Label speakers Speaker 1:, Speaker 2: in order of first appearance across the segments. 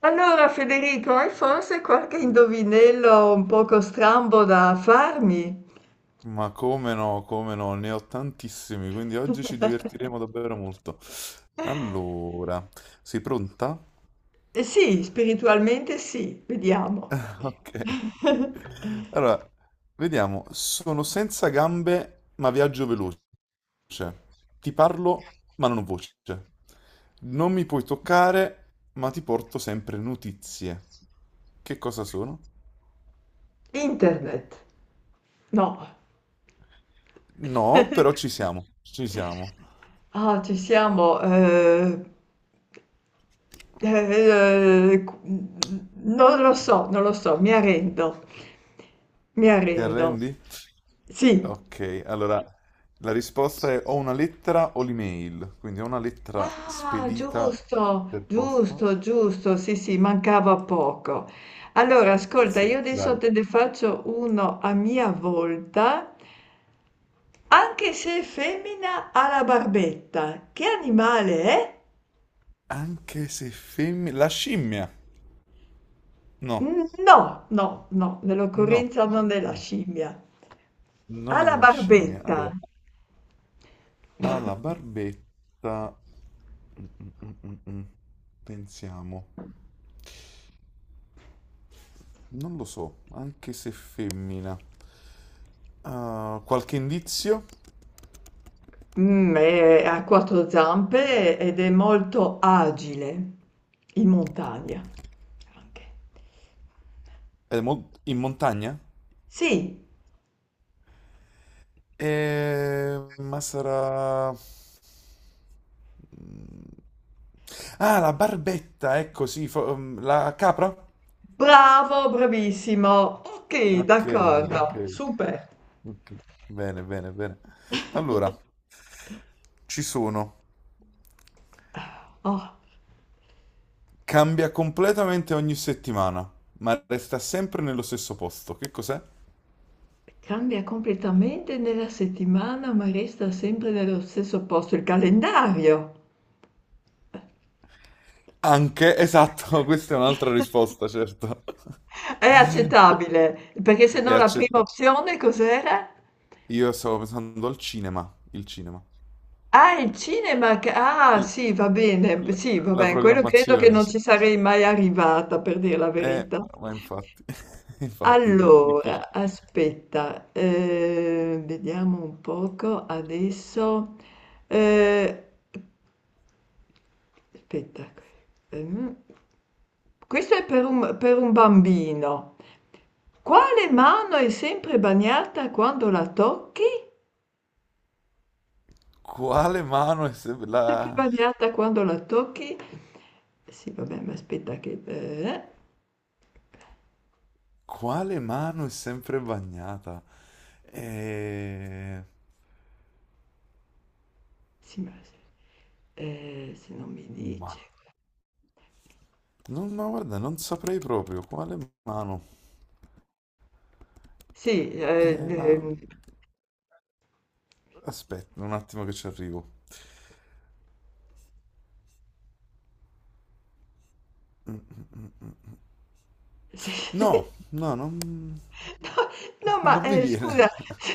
Speaker 1: Allora, Federico, hai forse qualche indovinello un poco strambo da farmi?
Speaker 2: Ma come no, come no, ne ho tantissimi, quindi oggi ci divertiremo davvero molto. Allora, sei pronta?
Speaker 1: Eh sì, spiritualmente sì, vediamo.
Speaker 2: Ok. Allora, vediamo. Sono senza gambe, ma viaggio veloce. Ti parlo, ma non ho voce. Non mi puoi toccare, ma ti porto sempre notizie. Che cosa sono?
Speaker 1: Internet. No.
Speaker 2: No, però ci siamo, ci siamo.
Speaker 1: Ah, ci siamo. Eh, eh, qu- Non lo so, non lo so, mi arrendo. Mi
Speaker 2: Ti
Speaker 1: arrendo.
Speaker 2: arrendi?
Speaker 1: Sì.
Speaker 2: Ok, allora la risposta è o una lettera o l'email, quindi o una lettera
Speaker 1: Ah,
Speaker 2: spedita
Speaker 1: giusto,
Speaker 2: per posta.
Speaker 1: giusto, giusto, sì, sì, mancava poco. Allora, ascolta,
Speaker 2: Se,
Speaker 1: io adesso
Speaker 2: dai.
Speaker 1: te ne faccio uno a mia volta, anche se è femmina ha la barbetta. Che animale è?
Speaker 2: Anche se femmina. La scimmia! No,
Speaker 1: Mm, no, no, no,
Speaker 2: no,
Speaker 1: nell'occorrenza non è la scimmia. Ha
Speaker 2: non è
Speaker 1: la
Speaker 2: la scimmia.
Speaker 1: barbetta.
Speaker 2: Allora, ha la barbetta. Mm, mm, mm, mm, mm. Pensiamo. Non lo so, anche se femmina. Ah, qualche indizio?
Speaker 1: Ha quattro zampe ed è molto agile in montagna. Anche.
Speaker 2: È in montagna?
Speaker 1: Sì.
Speaker 2: Ma sarà. Ah, la barbetta, ecco, sì, la capra?
Speaker 1: Bravo, bravissimo. Ok,
Speaker 2: Ok, ok,
Speaker 1: d'accordo. Super.
Speaker 2: ok. Bene, bene, bene. Allora, ci sono.
Speaker 1: Oh,
Speaker 2: Cambia completamente ogni settimana, ma resta sempre nello stesso posto. Che cos'è?
Speaker 1: cambia completamente nella settimana, ma resta sempre nello stesso posto il calendario.
Speaker 2: Anche, esatto, questa è un'altra risposta, certo.
Speaker 1: È accettabile, perché se
Speaker 2: È
Speaker 1: no la prima
Speaker 2: accettata.
Speaker 1: opzione cos'era?
Speaker 2: Io stavo pensando al cinema, il cinema.
Speaker 1: Ah, il cinema. Ah,
Speaker 2: L-
Speaker 1: sì, va bene.
Speaker 2: l-
Speaker 1: Sì, va
Speaker 2: La
Speaker 1: bene. Quello credo che
Speaker 2: programmazione,
Speaker 1: non
Speaker 2: sì.
Speaker 1: ci sarei mai arrivata, per dire la verità.
Speaker 2: Ma infatti, infatti, beh, difficile.
Speaker 1: Allora, aspetta, vediamo un poco adesso. eh, Aspetta, ehm, questo è per un bambino. Quale mano è sempre bagnata quando la tocchi? È
Speaker 2: Quale mano è sempre
Speaker 1: sempre
Speaker 2: la.
Speaker 1: bagnata quando la tocchi? Sì, vabbè, ma aspetta che...
Speaker 2: Quale mano è sempre bagnata? Eh,
Speaker 1: sì, ma se se non mi
Speaker 2: ma.
Speaker 1: dice.
Speaker 2: Non, ma guarda, non saprei proprio quale mano.
Speaker 1: Sì,
Speaker 2: La. Aspetta un attimo che ci arrivo. Mm, mm, mm, mm. No,
Speaker 1: sì.
Speaker 2: no, non,
Speaker 1: No, ma,
Speaker 2: non mi
Speaker 1: scusa,
Speaker 2: viene.
Speaker 1: sì,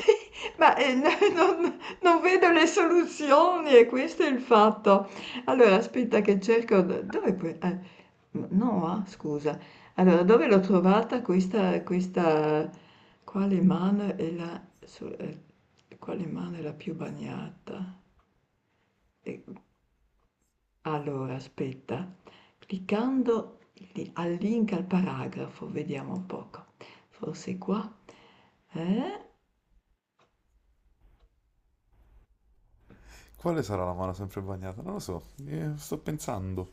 Speaker 1: ma, n non non vedo le soluzioni e questo è il fatto. Allora aspetta che cerco d dov'è que n Noa? Scusa. Allora, dove l'ho trovata questa questa quale mano è la su ehm, quale mano è la più bagnata? E allora aspetta, cliccando li al link al paragrafo, vediamo un poco. Forse qua? Eh?
Speaker 2: Quale sarà la mano sempre bagnata? Non lo so. Sto pensando.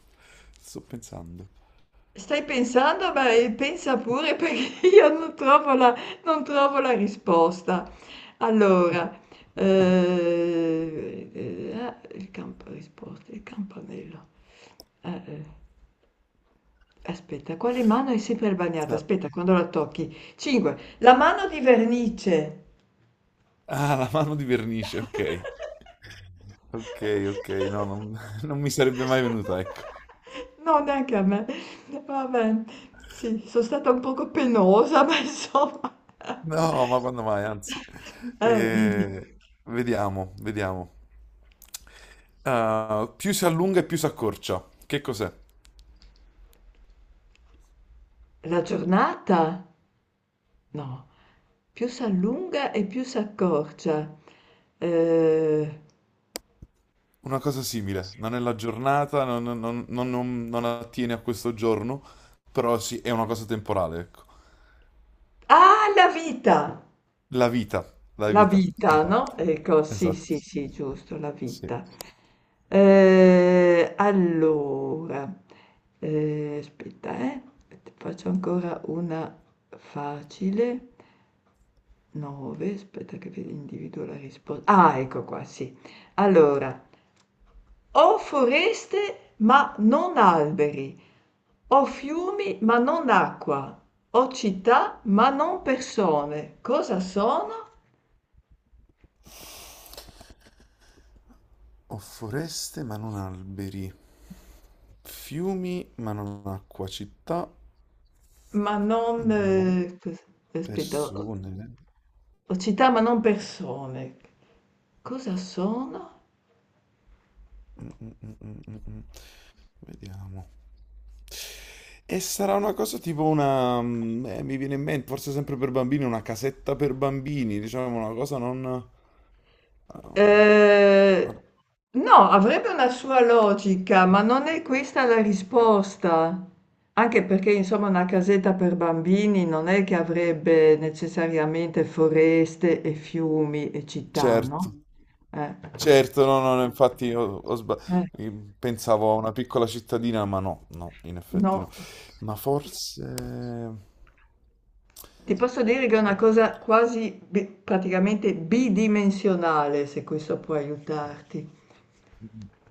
Speaker 2: Sto pensando.
Speaker 1: Stai pensando? Beh, pensa pure perché io non trovo non trovo la risposta. Allora, il campo risposte, il campanello. Eh, eh. Aspetta, quale mano è sempre bagnata? Aspetta, quando la tocchi. 5. La mano di vernice.
Speaker 2: Ah, la mano di vernice, ok. Ok, ok, no, non, non mi sarebbe mai venuta, ecco.
Speaker 1: No, neanche a me. Vabbè, sì, sono stata un poco penosa, ma insomma.
Speaker 2: No, ma quando mai, anzi.
Speaker 1: Dici,
Speaker 2: Eh, vediamo, vediamo. Ah, più si allunga e più si accorcia. Che cos'è?
Speaker 1: la giornata? No, più si allunga e più si accorcia. Eh,
Speaker 2: Una cosa simile. Non è la giornata, non attiene a questo giorno, però sì, è una cosa temporale, ecco.
Speaker 1: Ah, la vita!
Speaker 2: La vita, la
Speaker 1: La
Speaker 2: vita.
Speaker 1: vita, no?
Speaker 2: Esatto,
Speaker 1: Ecco, sì,
Speaker 2: esatto,
Speaker 1: sì, sì, giusto, la
Speaker 2: sì.
Speaker 1: vita. Allora, aspetta, ti faccio ancora una facile. 9, aspetta che individuo la risposta. Ah, ecco qua, sì. Allora, ho foreste ma non alberi, ho fiumi ma non acqua, ho città ma non persone. Cosa sono?
Speaker 2: Ho foreste ma non alberi, fiumi ma non acqua, città.
Speaker 1: Ma non...
Speaker 2: No, no,
Speaker 1: aspetta,
Speaker 2: persone.
Speaker 1: ho città ma non persone. Cosa sono?
Speaker 2: Mm, mm, mm, mm, mm, mm. Vediamo. E sarà una cosa tipo una, mi viene in mente, forse sempre per bambini, una casetta per bambini, diciamo una cosa non, um, ah,
Speaker 1: Eh, no, avrebbe una sua logica, ma non è questa la risposta. Anche perché, insomma, una casetta per bambini non è che avrebbe necessariamente foreste e fiumi e città, no?
Speaker 2: certo,
Speaker 1: Eh,
Speaker 2: certo, no, no, no, infatti io ho sba-
Speaker 1: eh,
Speaker 2: io pensavo a una piccola cittadina, ma no, no, in effetti
Speaker 1: no.
Speaker 2: no. Ma forse
Speaker 1: Ti posso dire che è una cosa quasi praticamente bidimensionale, se questo può aiutarti.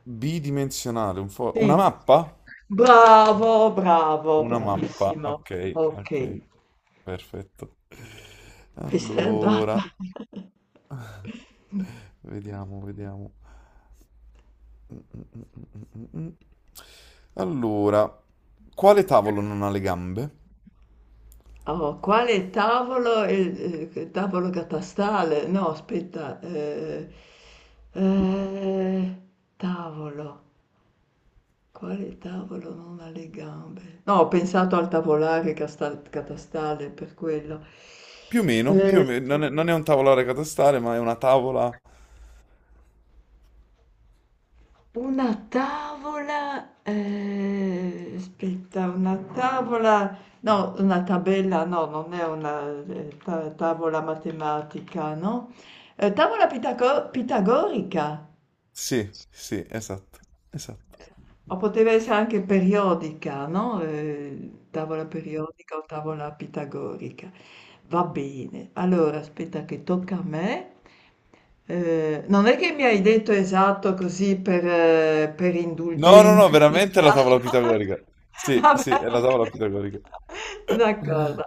Speaker 2: bidimensionale, una
Speaker 1: Sì,
Speaker 2: mappa?
Speaker 1: bravo, bravo,
Speaker 2: Una mappa,
Speaker 1: bravissimo.
Speaker 2: ok, ok,
Speaker 1: Ok,
Speaker 2: perfetto.
Speaker 1: qui sei andata.
Speaker 2: Allora, vediamo, vediamo. Mm, mm, mm, mm, mm. Allora, quale tavolo non ha le gambe?
Speaker 1: Oh, quale tavolo? È il, tavolo catastale? No, aspetta. Eh, Tavolo. Quale tavolo non ha le gambe? No, ho pensato al tavolare catastale per quello.
Speaker 2: Più
Speaker 1: Eh,
Speaker 2: o meno, non è un tavolare catastale, ma è una tavola.
Speaker 1: una tavola, aspetta, una tavola, no, una tabella, no, non è una tavola matematica, no? Tavola pitagorica.
Speaker 2: Sì, sì, esatto, esatto.
Speaker 1: O poteva essere anche periodica, no? Tavola periodica o tavola pitagorica. Va bene, allora aspetta che tocca a me. Non è che mi hai detto esatto così per
Speaker 2: No, no, no,
Speaker 1: indulgente
Speaker 2: veramente è
Speaker 1: pietà.
Speaker 2: la tavola pitagorica. Sì,
Speaker 1: Vabbè,
Speaker 2: sì, è la tavola
Speaker 1: ok.
Speaker 2: pitagorica.
Speaker 1: D'accordo.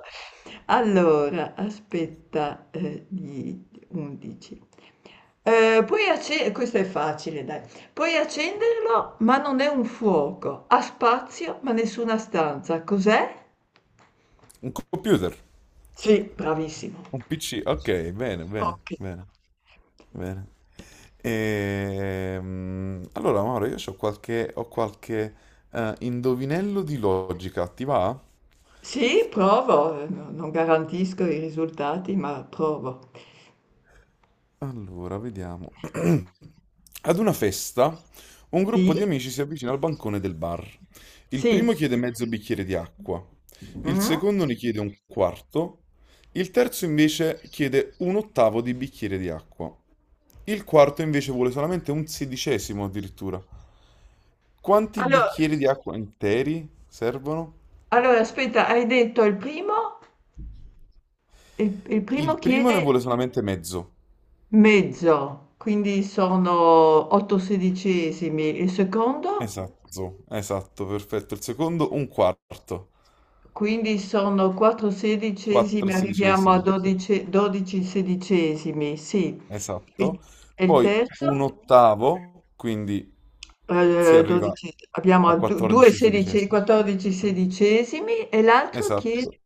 Speaker 1: Allora, aspetta, gli 11. Questo è facile, dai. Puoi accenderlo, ma non è un fuoco. Ha spazio, ma nessuna stanza. Cos'è?
Speaker 2: Un computer,
Speaker 1: Sì, bravissimo.
Speaker 2: un PC, ok, bene, bene,
Speaker 1: Ok.
Speaker 2: bene. Bene. Allora, Mauro, io ho qualche, indovinello di logica, ti va?
Speaker 1: Sì, provo. Non garantisco i risultati, ma provo.
Speaker 2: Allora, vediamo. Ad una festa, un
Speaker 1: Sì?
Speaker 2: gruppo di amici si avvicina al bancone del bar. Il
Speaker 1: Sì.
Speaker 2: primo chiede mezzo bicchiere di acqua, il
Speaker 1: Mm?
Speaker 2: secondo ne chiede un quarto, il terzo invece chiede un ottavo di bicchiere di acqua. Il quarto invece vuole solamente un sedicesimo addirittura. Quanti
Speaker 1: Allora,
Speaker 2: bicchieri di acqua interi servono?
Speaker 1: allora, aspetta, hai detto il primo? Il primo
Speaker 2: Il primo ne
Speaker 1: chiede
Speaker 2: vuole solamente mezzo.
Speaker 1: mezzo, quindi sono 8 sedicesimi. Il secondo?
Speaker 2: Esatto, esatto, perfetto. Il secondo un quarto,
Speaker 1: Quindi sono 4
Speaker 2: 4
Speaker 1: sedicesimi, arriviamo a
Speaker 2: sedicesimi,
Speaker 1: 12, 12 sedicesimi, sì. E,
Speaker 2: esatto.
Speaker 1: e il
Speaker 2: Poi un
Speaker 1: terzo?
Speaker 2: ottavo, quindi si arriva
Speaker 1: 12 abbiamo
Speaker 2: a
Speaker 1: a
Speaker 2: 14 sedicesimi.
Speaker 1: 14 sedicesimi e l'altro chiede,
Speaker 2: Esatto.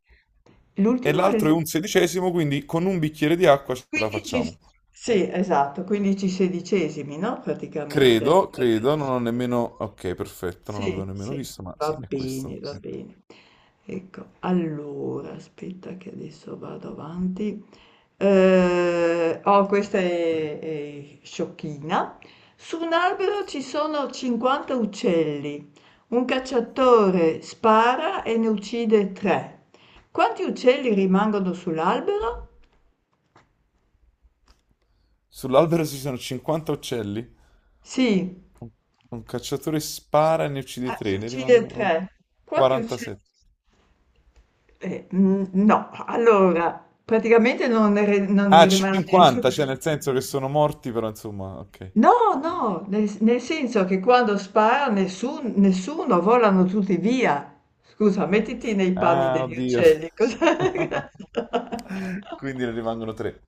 Speaker 2: E
Speaker 1: l'ultimo, è il
Speaker 2: l'altro è un sedicesimo, quindi con un bicchiere di acqua ce la
Speaker 1: 15,
Speaker 2: facciamo.
Speaker 1: sì, esatto, 15 sedicesimi, no? Praticamente.
Speaker 2: Credo, credo, non ho nemmeno. Ok, perfetto, non
Speaker 1: Sì,
Speaker 2: avevo nemmeno
Speaker 1: sì,
Speaker 2: visto, ma sì,
Speaker 1: va
Speaker 2: è
Speaker 1: bene,
Speaker 2: questo.
Speaker 1: va
Speaker 2: È questo.
Speaker 1: bene. Ecco, allora, aspetta che adesso vado avanti. Oh, questa è sciocchina. Su un albero ci sono 50 uccelli. Un cacciatore spara e ne uccide tre. Quanti uccelli rimangono sull'albero?
Speaker 2: Sull'albero ci sono 50 uccelli?
Speaker 1: Sì,
Speaker 2: Un un cacciatore spara e ne uccide
Speaker 1: ah, ne
Speaker 2: 3, ne
Speaker 1: uccide
Speaker 2: rimangono
Speaker 1: tre. Quanti uccelli?
Speaker 2: 47.
Speaker 1: Mhmm, no, allora praticamente non
Speaker 2: Ah,
Speaker 1: ne rimane nessuno.
Speaker 2: 50, cioè nel senso che sono morti, però insomma, ok.
Speaker 1: No, no, nel senso che quando spara nessuno, volano tutti via. Scusa, mettiti nei panni
Speaker 2: Ah,
Speaker 1: degli
Speaker 2: oddio.
Speaker 1: uccelli, cosa.
Speaker 2: Quindi ne rimangono 3.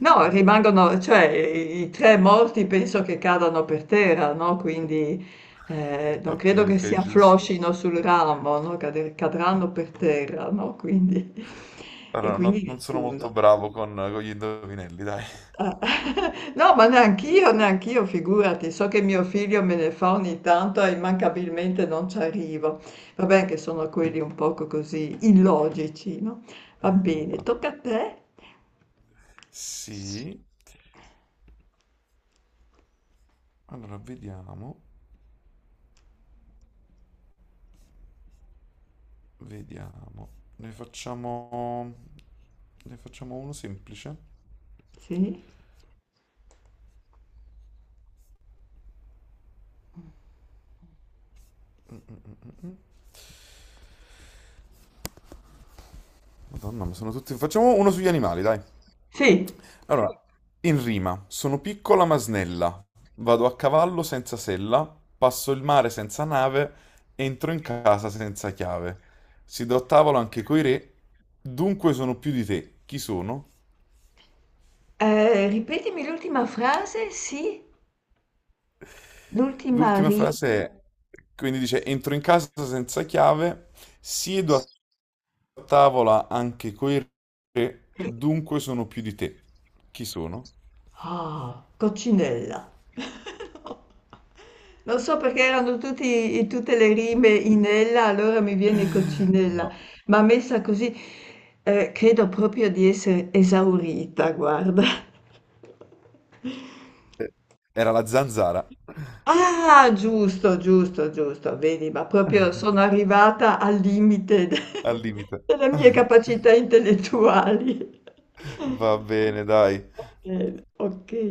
Speaker 1: No, rimangono cioè i 3 morti penso che cadano per terra, no, quindi, non
Speaker 2: Ok,
Speaker 1: credo che si
Speaker 2: ok, giusto.
Speaker 1: affloscino sul ramo, no, cade cadranno per terra, no, quindi e
Speaker 2: Allora, non,
Speaker 1: quindi
Speaker 2: non sono
Speaker 1: nessuno.
Speaker 2: molto bravo con gli indovinelli, dai.
Speaker 1: No, ma neanch'io, neanch'io, figurati. So che mio figlio me ne fa ogni tanto e immancabilmente non ci arrivo. Va bene che sono quelli un poco così illogici, no? Va bene,
Speaker 2: Infatti.
Speaker 1: tocca a te.
Speaker 2: Sì. Allora, vediamo, vediamo. Ne facciamo. Ne facciamo uno semplice.
Speaker 1: Sì?
Speaker 2: Madonna, ma sono tutti. Facciamo uno sugli animali, dai.
Speaker 1: Sì.
Speaker 2: Allora, in rima, sono piccola ma snella, vado a cavallo senza sella, passo il mare senza nave, entro in casa senza chiave. Siedo a tavola anche coi re, dunque sono più di te. Chi sono?
Speaker 1: Ripetimi l'ultima frase, sì? L'ultima
Speaker 2: L'ultima
Speaker 1: riga.
Speaker 2: frase è, quindi dice, entro in casa senza chiave, siedo a tavola anche coi re, dunque sono più di te. Chi sono?
Speaker 1: Ah, coccinella. Lo so perché erano tutti, tutte le rime in ella, allora mi viene Coccinella,
Speaker 2: No.
Speaker 1: ma messa così, credo proprio di essere esaurita, guarda.
Speaker 2: Eh, era la zanzara,
Speaker 1: Ah, giusto, giusto, giusto, vedi, ma proprio sono arrivata al limite
Speaker 2: al limite.
Speaker 1: delle mie capacità intellettuali.
Speaker 2: Va bene, dai.
Speaker 1: Ok.